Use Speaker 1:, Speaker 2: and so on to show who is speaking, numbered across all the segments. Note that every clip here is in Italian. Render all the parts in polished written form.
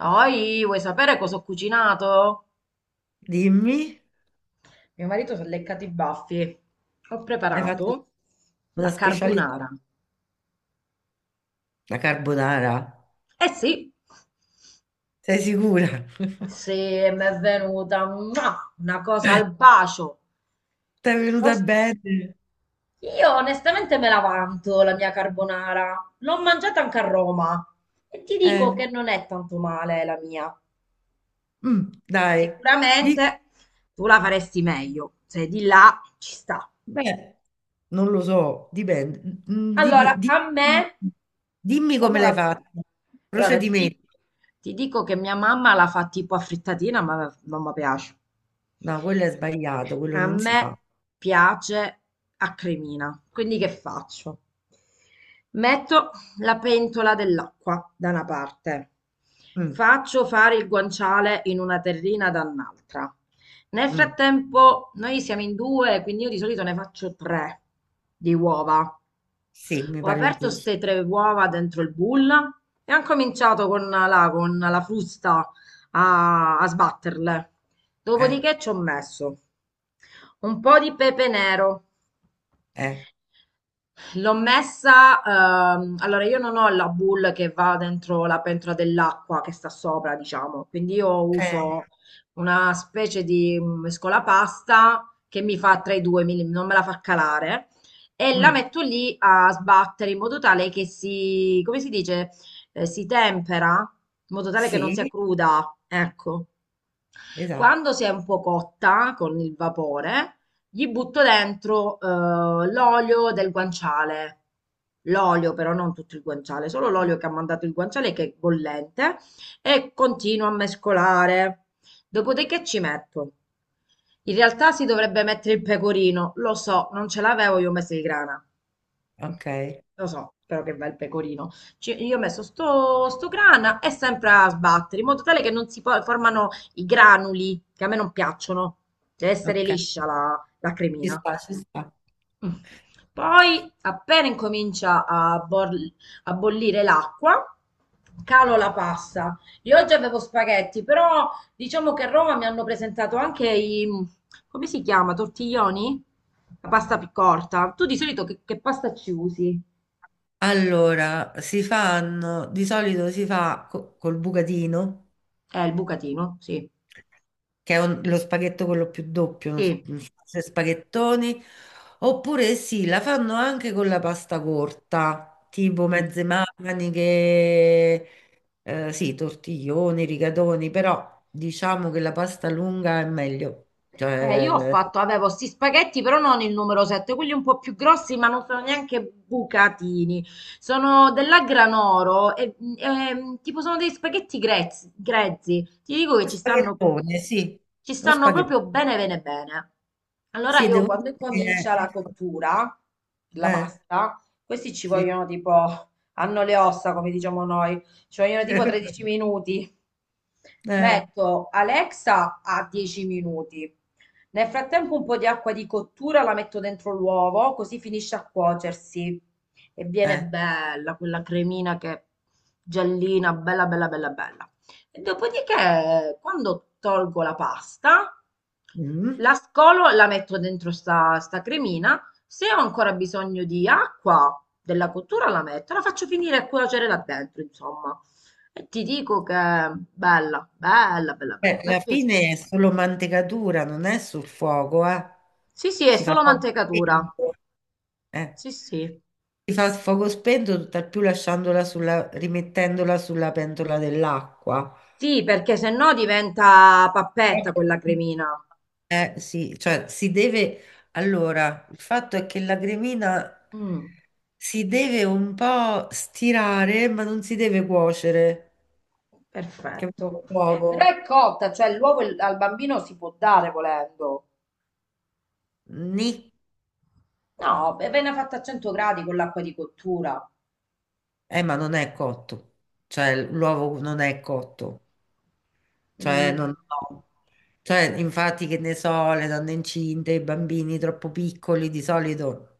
Speaker 1: Poi, vuoi sapere cosa ho cucinato?
Speaker 2: Dimmi,
Speaker 1: Mio marito si è leccato i baffi. Ho
Speaker 2: hai fatto
Speaker 1: preparato
Speaker 2: una
Speaker 1: la
Speaker 2: specialità,
Speaker 1: carbonara.
Speaker 2: la carbonara?
Speaker 1: Eh sì,
Speaker 2: Sei sicura?
Speaker 1: se mi è venuta una cosa al bacio.
Speaker 2: Ti è
Speaker 1: Lo-
Speaker 2: venuta
Speaker 1: s-
Speaker 2: bene?
Speaker 1: Io onestamente me la vanto la mia carbonara. L'ho mangiata anche a Roma e ti dico
Speaker 2: Eh,
Speaker 1: che non è tanto male la mia.
Speaker 2: mm, dai. Di-
Speaker 1: Sicuramente tu la faresti meglio. Se di là ci sta.
Speaker 2: Beh, non lo so, dipende. Dimmi,
Speaker 1: Allora, a me,
Speaker 2: dimmi, dimmi
Speaker 1: quando
Speaker 2: come
Speaker 1: la...
Speaker 2: l'hai fatta.
Speaker 1: Allora, ti dico,
Speaker 2: Procedimento.
Speaker 1: ti dico che mia mamma la fa tipo a frittatina, ma non mi piace.
Speaker 2: No, quello è sbagliato, quello
Speaker 1: A
Speaker 2: non si
Speaker 1: me
Speaker 2: fa.
Speaker 1: piace a cremina, quindi che faccio? Metto la pentola dell'acqua da una parte,
Speaker 2: Mm,
Speaker 1: faccio fare il guanciale in una terrina da un'altra. Nel
Speaker 2: mm,
Speaker 1: frattempo, noi siamo in due, quindi io di solito ne faccio tre di uova.
Speaker 2: sì, mi
Speaker 1: Ho
Speaker 2: pare
Speaker 1: aperto
Speaker 2: giusto.
Speaker 1: ste tre uova dentro il bowl e han cominciato con la frusta a sbatterle.
Speaker 2: Eh,
Speaker 1: Dopodiché ci ho messo un po' di pepe nero.
Speaker 2: eh.
Speaker 1: L'ho messa, allora io non ho la bowl che va dentro la pentola dell'acqua che sta sopra, diciamo, quindi io
Speaker 2: Ok,
Speaker 1: uso una specie di mescolapasta che mi fa tra i due, non me la fa calare, e la
Speaker 2: mm,
Speaker 1: metto lì a sbattere in modo tale che si, come si dice, si tempera, in modo tale che non sia
Speaker 2: sì,
Speaker 1: cruda, ecco.
Speaker 2: esatto.
Speaker 1: Quando si è un po' cotta con il vapore, gli butto dentro l'olio del guanciale. L'olio, però non tutto il guanciale, solo l'olio che ha mandato il guanciale che è bollente e continuo a mescolare. Dopodiché ci metto. In realtà si dovrebbe mettere il pecorino, lo so, non ce l'avevo, io ho messo il grana.
Speaker 2: Ok,
Speaker 1: Lo so, però che bel pecorino. Io ho messo sto grana e sempre a sbattere, in modo tale che non formano i granuli, che a me non piacciono. Deve essere
Speaker 2: ok.
Speaker 1: liscia la
Speaker 2: Ci
Speaker 1: cremina.
Speaker 2: sta, ci sta.
Speaker 1: Mm. Poi, appena incomincia a bollire l'acqua, calo la pasta. Io oggi avevo spaghetti, però diciamo che a Roma mi hanno presentato anche i, come si chiama, tortiglioni? La pasta più corta. Tu di solito che pasta ci usi?
Speaker 2: Allora, si fanno, di solito si fa col bucatino,
Speaker 1: Il bucatino, sì.
Speaker 2: che è lo spaghetto quello più doppio, uno
Speaker 1: Sì,
Speaker 2: un spazio di spaghettoni, oppure sì, la fanno anche con la pasta corta, tipo
Speaker 1: mh.
Speaker 2: mezze maniche, sì, tortiglioni, rigatoni, però diciamo che la pasta lunga è meglio.
Speaker 1: Io ho
Speaker 2: Cioè,
Speaker 1: fatto, avevo sti spaghetti, però non il numero 7, quelli un po' più grossi, ma non sono neanche bucatini. Sono della Granoro, tipo sono dei spaghetti grezzi, grezzi. Ti dico che
Speaker 2: lo
Speaker 1: ci stanno,
Speaker 2: spaghettone, sì,
Speaker 1: ci
Speaker 2: lo
Speaker 1: stanno
Speaker 2: spaghettone.
Speaker 1: proprio bene, bene, bene. Allora
Speaker 2: Sì,
Speaker 1: io
Speaker 2: devo
Speaker 1: quando
Speaker 2: dire
Speaker 1: incomincia
Speaker 2: che
Speaker 1: la cottura, la
Speaker 2: eh,
Speaker 1: pasta, questi ci
Speaker 2: sì.
Speaker 1: vogliono tipo, hanno le ossa, come diciamo noi, ci vogliono tipo 13 minuti.
Speaker 2: Eh,
Speaker 1: Metto Alexa a 10 minuti. Nel frattempo un po' di acqua di cottura la metto dentro l'uovo, così finisce a cuocersi e viene
Speaker 2: eh.
Speaker 1: bella quella cremina che giallina, bella bella bella bella. E dopodiché, quando tolgo la pasta,
Speaker 2: Mm.
Speaker 1: la scolo, la metto dentro sta cremina. Se ho ancora bisogno di acqua della cottura, la metto, la faccio finire a cuocere là dentro, insomma. E ti dico che bella, bella, bella, bella, mi è
Speaker 2: Alla
Speaker 1: piaciuta.
Speaker 2: fine è solo mantecatura, non è sul fuoco, eh.
Speaker 1: Sì, sì, è
Speaker 2: Si fa
Speaker 1: solo
Speaker 2: fuoco
Speaker 1: mantecatura.
Speaker 2: spento. Eh.
Speaker 1: Sì, sì.
Speaker 2: Si fa fuoco spento, tutt'al più lasciandola sulla, rimettendola sulla pentola dell'acqua.
Speaker 1: Sì, perché se no diventa pappetta quella cremina.
Speaker 2: Eh sì, cioè si deve. Allora, il fatto è che la cremina
Speaker 1: Mm,
Speaker 2: si deve un po' stirare, ma non si deve cuocere.
Speaker 1: perfetto.
Speaker 2: Capito?
Speaker 1: Però
Speaker 2: L'uovo.
Speaker 1: è cotta, cioè l'uovo al bambino si può dare volendo.
Speaker 2: Nì.
Speaker 1: No, beh, viene fatta a 100 gradi con l'acqua di cottura.
Speaker 2: Ma non è cotto, cioè l'uovo non è cotto, cioè non
Speaker 1: Mm.
Speaker 2: no. Cioè, infatti, che ne so, le donne incinte, i bambini troppo piccoli di solito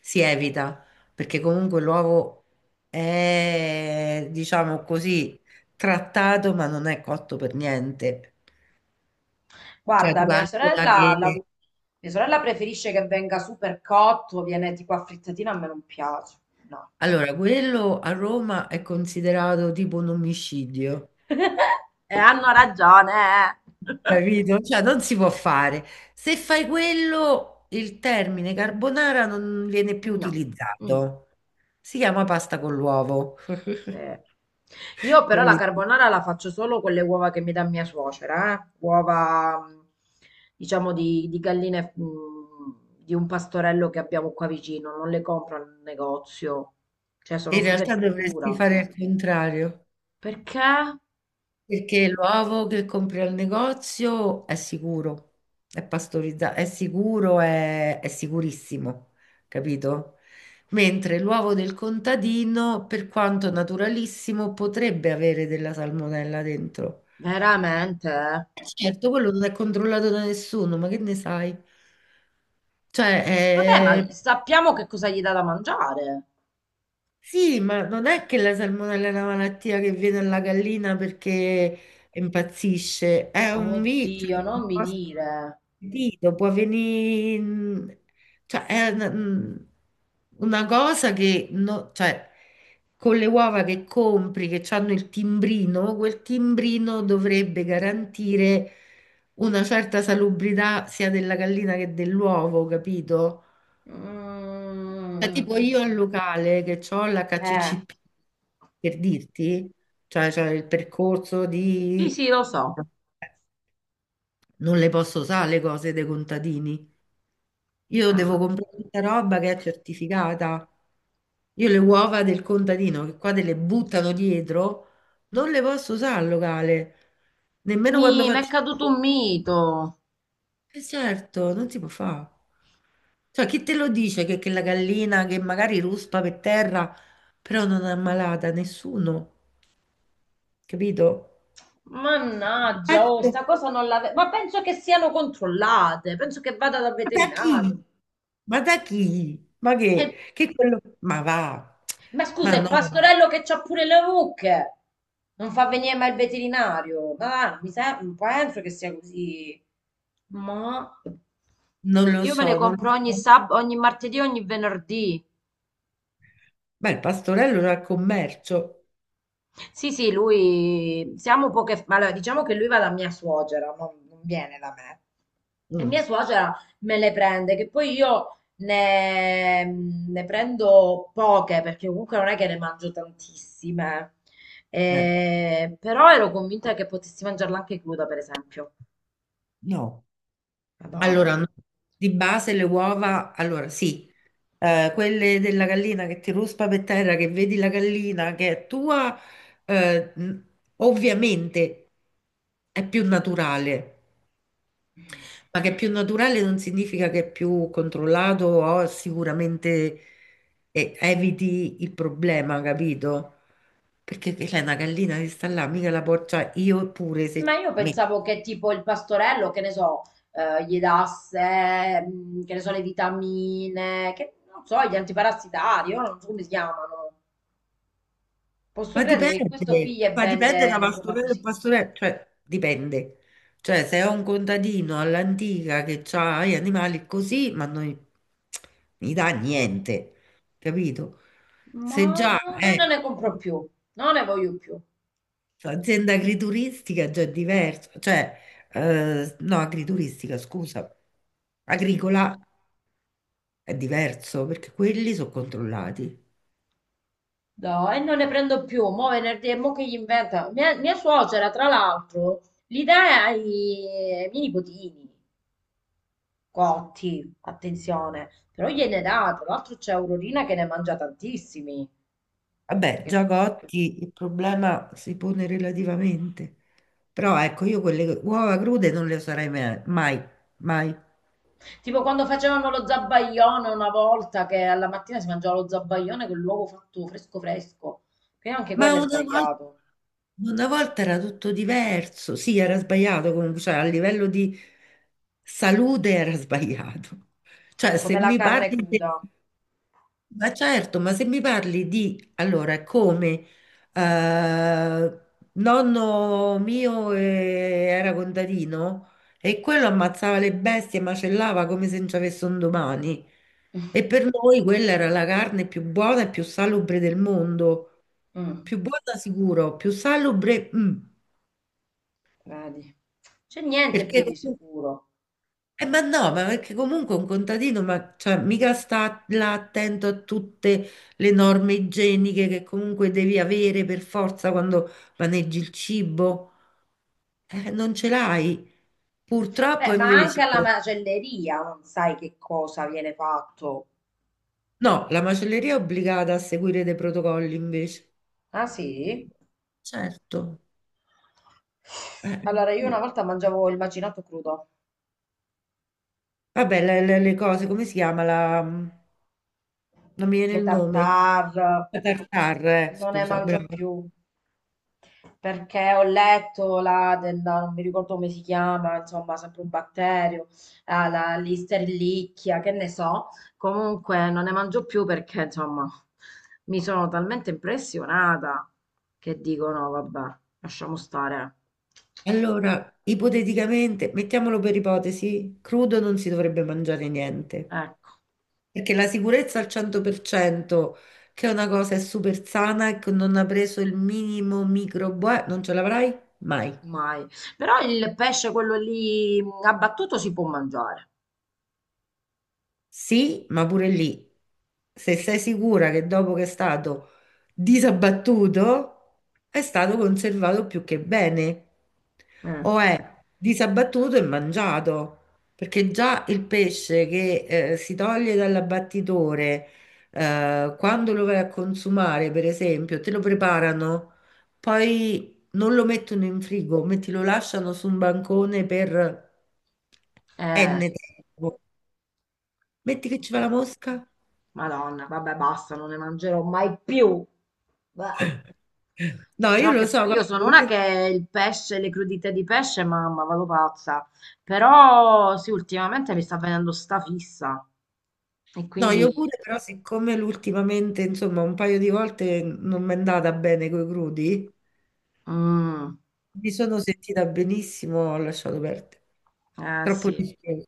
Speaker 2: si evita, perché comunque l'uovo è, diciamo così, trattato, ma non è cotto per niente. Cioè, tu
Speaker 1: Guarda, mia
Speaker 2: calcola
Speaker 1: sorella,
Speaker 2: che.
Speaker 1: mia sorella preferisce che venga super cotto, viene tipo a frittatina, a me non piace. No.
Speaker 2: Allora, quello a Roma è considerato tipo un omicidio.
Speaker 1: E hanno ragione. Eh.
Speaker 2: Capito? Cioè, non si può fare. Se fai quello, il termine carbonara non viene più
Speaker 1: No. Mm.
Speaker 2: utilizzato. Si chiama pasta con l'uovo.
Speaker 1: Sì. Io però la
Speaker 2: Capito?
Speaker 1: carbonara la faccio solo con le uova che mi dà mia suocera, eh. Uova, diciamo, di galline, di un pastorello che abbiamo qua vicino, non le compro al negozio, cioè sono
Speaker 2: In
Speaker 1: super
Speaker 2: realtà dovresti
Speaker 1: sicura.
Speaker 2: fare il contrario.
Speaker 1: Perché?
Speaker 2: Perché l'uovo che compri al negozio è sicuro, è pastorizzato, è sicuro, è sicurissimo, capito? Mentre l'uovo del contadino, per quanto naturalissimo, potrebbe avere della salmonella dentro.
Speaker 1: Veramente? Eh.
Speaker 2: Certo, quello non è controllato da nessuno, ma che ne sai? Cioè,
Speaker 1: Vabbè,
Speaker 2: eh,
Speaker 1: ma sappiamo che cosa gli dà da mangiare.
Speaker 2: sì, ma non è che la salmonella è una malattia che viene alla gallina perché impazzisce, è un virus.
Speaker 1: Oddio, non mi dire.
Speaker 2: Capito? Può venire, cioè, è una cosa che, cioè, con le uova che compri, che hanno il timbrino, quel timbrino dovrebbe garantire una certa salubrità sia della gallina che dell'uovo, capito? Cioè,
Speaker 1: Mm,
Speaker 2: tipo io al locale che ho
Speaker 1: eh,
Speaker 2: l'HCCP, per dirti, cioè, c'è il percorso
Speaker 1: sì,
Speaker 2: di.
Speaker 1: sì, lo so.
Speaker 2: Non le posso usare le cose dei contadini. Io devo
Speaker 1: Ah.
Speaker 2: comprare tutta roba che è certificata. Io le uova del contadino che qua te le buttano dietro, non le posso usare al locale, nemmeno quando
Speaker 1: Mi è
Speaker 2: faccio.
Speaker 1: caduto un mito.
Speaker 2: Certo, non si può fare. Cioè, chi te lo dice che, la gallina che magari ruspa per terra, però non è ammalata? Nessuno, capito?
Speaker 1: Mannaggia, oh,
Speaker 2: Eh,
Speaker 1: sta cosa non l'avevo. Ma penso che siano controllate, penso che vada dal
Speaker 2: Ma da
Speaker 1: veterinario.
Speaker 2: chi? Ma da chi? Ma che?
Speaker 1: Eh,
Speaker 2: Che quello. Ma va,
Speaker 1: ma scusa,
Speaker 2: ma
Speaker 1: il
Speaker 2: no.
Speaker 1: pastorello che c'ha pure le mucche. Non fa venire mai il veterinario. Ma va, penso che sia così. Ma
Speaker 2: Non lo
Speaker 1: io me le
Speaker 2: so, non lo
Speaker 1: compro
Speaker 2: so.
Speaker 1: ogni martedì, ogni venerdì.
Speaker 2: Beh, il pastorello era il commercio.
Speaker 1: Sì, sì, lui siamo poche, allora, diciamo che lui va da mia suocera, non viene da me. E
Speaker 2: Mm,
Speaker 1: mia suocera me le prende, che poi io ne prendo poche, perché comunque non è che ne mangio tantissime.
Speaker 2: eh,
Speaker 1: Però ero convinta che potessi mangiarla anche cruda, per esempio.
Speaker 2: no. Allora,
Speaker 1: Madonna.
Speaker 2: no. Di base le uova, allora sì, quelle della gallina che ti ruspa per terra, che vedi la gallina che è tua, eh, mh, ovviamente è più naturale. Ma che è più naturale non significa che è più controllato o sicuramente eviti il problema, capito? Perché che c'è una gallina che sta là, mica la porcia io pure
Speaker 1: Ma
Speaker 2: se
Speaker 1: io
Speaker 2: me.
Speaker 1: pensavo che tipo il pastorello, che ne so, gli dasse, che ne so, le vitamine, che non so, gli antiparassitari, io non so come si chiamano. Posso credere che questo piglia e
Speaker 2: Ma dipende
Speaker 1: vende
Speaker 2: da
Speaker 1: le uova
Speaker 2: pastorello e
Speaker 1: così.
Speaker 2: pastorello, cioè dipende. Cioè se è un contadino all'antica che ha gli animali così, ma non gli dà niente, capito?
Speaker 1: Ma
Speaker 2: Se già
Speaker 1: ma non
Speaker 2: è
Speaker 1: ne compro più, non ne voglio più.
Speaker 2: azienda agrituristica già è diverso, cioè no, agrituristica, scusa, agricola è diverso perché quelli sono controllati.
Speaker 1: No, e non ne prendo più. Mo' venerdì, e mo' che gli inventa. Mia suocera, tra l'altro, li dà ai miei nipotini cotti, attenzione. Però gliene dà, tra l'altro c'è Aurorina che ne mangia tantissimi.
Speaker 2: Vabbè,
Speaker 1: Che-
Speaker 2: già Gotti il problema si pone relativamente. Però ecco, io quelle uova crude non le userei mai, mai, mai.
Speaker 1: Tipo quando facevano lo zabbaglione una volta che alla mattina si mangiava lo zabbaglione con l'uovo fatto fresco fresco, che anche
Speaker 2: Ma
Speaker 1: quello è sbagliato,
Speaker 2: una volta era tutto diverso. Sì, era sbagliato comunque, cioè a livello di salute era sbagliato. Cioè, se
Speaker 1: come la
Speaker 2: mi
Speaker 1: carne
Speaker 2: parli.
Speaker 1: cruda.
Speaker 2: Ma certo, ma se mi parli di allora come eh, nonno mio era contadino e quello ammazzava le bestie, macellava come se non ci avesse un domani. E per noi quella era la carne più buona e più salubre del mondo.
Speaker 1: Mm,
Speaker 2: Più buona sicuro, più salubre,
Speaker 1: vedi. C'è niente più
Speaker 2: perché.
Speaker 1: di sicuro.
Speaker 2: Ma no, ma perché comunque un contadino, ma cioè, mica sta là attento a tutte le norme igieniche che comunque devi avere per forza quando maneggi il cibo. Non ce l'hai.
Speaker 1: Beh,
Speaker 2: Purtroppo
Speaker 1: ma anche
Speaker 2: invece.
Speaker 1: alla macelleria non sai che cosa viene fatto.
Speaker 2: No, la macelleria è obbligata a seguire dei protocolli invece.
Speaker 1: Ah sì?
Speaker 2: Certo. Eh,
Speaker 1: Allora, io una
Speaker 2: sì.
Speaker 1: volta mangiavo il macinato crudo,
Speaker 2: Vabbè, le cose, come si chiama la, non mi viene
Speaker 1: le
Speaker 2: il nome.
Speaker 1: tartare,
Speaker 2: La tartar,
Speaker 1: non ne
Speaker 2: scusa,
Speaker 1: mangio
Speaker 2: bravo.
Speaker 1: più. Perché ho letto la della non mi ricordo come si chiama, insomma, sempre un batterio, ah, la listerlicchia, che ne so. Comunque non ne mangio più perché, insomma, mi sono talmente impressionata che dico no, vabbè, lasciamo stare.
Speaker 2: Allora, ipoteticamente, mettiamolo per ipotesi, crudo non si dovrebbe mangiare niente,
Speaker 1: Ecco,
Speaker 2: perché la sicurezza al 100%, che è una cosa è super sana e che non ha preso il minimo microbo, non ce l'avrai mai.
Speaker 1: mai. Però il pesce, quello lì abbattuto, si può mangiare.
Speaker 2: Sì, ma pure lì, se sei sicura che dopo che è stato disabbattuto, è stato conservato più che bene,
Speaker 1: Mm.
Speaker 2: o è disabbattuto e mangiato, perché già il pesce che si toglie dall'abbattitore, quando lo vai a consumare, per esempio, te lo preparano, poi non lo mettono in frigo, metti, lo lasciano su un bancone per
Speaker 1: Eh,
Speaker 2: N tempo. Metti che ci va la mosca?
Speaker 1: Madonna, vabbè, basta, non ne mangerò mai più. Bah.
Speaker 2: No, io
Speaker 1: No,
Speaker 2: lo
Speaker 1: che
Speaker 2: so,
Speaker 1: poi io
Speaker 2: guarda,
Speaker 1: sono una che il pesce, le crudite di pesce, mamma, vado pazza. Però sì, ultimamente mi sta venendo sta fissa. E
Speaker 2: no, io
Speaker 1: quindi...
Speaker 2: pure, però siccome l'ultimamente, insomma, un paio di volte non mi è andata bene coi crudi,
Speaker 1: mm,
Speaker 2: mi sono sentita benissimo, ho lasciato perdere.
Speaker 1: eh
Speaker 2: Troppo
Speaker 1: sì.
Speaker 2: rischioso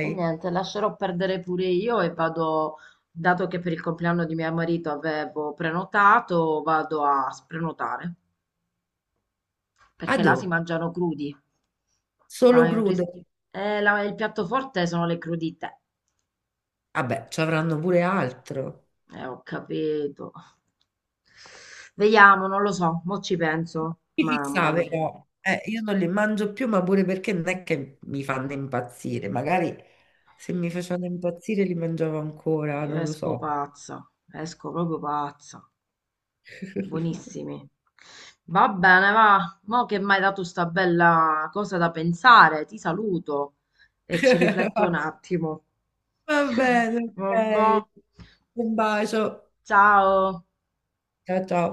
Speaker 1: E niente, lascerò perdere pure io e vado, dato che per il compleanno di mio marito avevo prenotato, vado a sprenotare, perché
Speaker 2: Adò,
Speaker 1: là si mangiano crudi. Ah,
Speaker 2: solo
Speaker 1: il
Speaker 2: crudo.
Speaker 1: ris- il piatto forte sono le crudite.
Speaker 2: Vabbè, ci avranno pure altro.
Speaker 1: Ho capito. Vediamo, non lo so, mo ci penso.
Speaker 2: Mi
Speaker 1: Mamma
Speaker 2: fissa,
Speaker 1: mia,
Speaker 2: però, io non li mangio più, ma pure perché non è che mi fanno impazzire. Magari se mi facevano impazzire li mangiavo ancora,
Speaker 1: io
Speaker 2: non lo
Speaker 1: esco
Speaker 2: so.
Speaker 1: pazza, esco proprio pazza. Buonissimi. Va bene, va. Mo che mi hai dato sta bella cosa da pensare, ti saluto e ci rifletto un attimo.
Speaker 2: Va bene, ok.
Speaker 1: Vabbè.
Speaker 2: Un bacio.
Speaker 1: Ciao.
Speaker 2: Ciao ciao.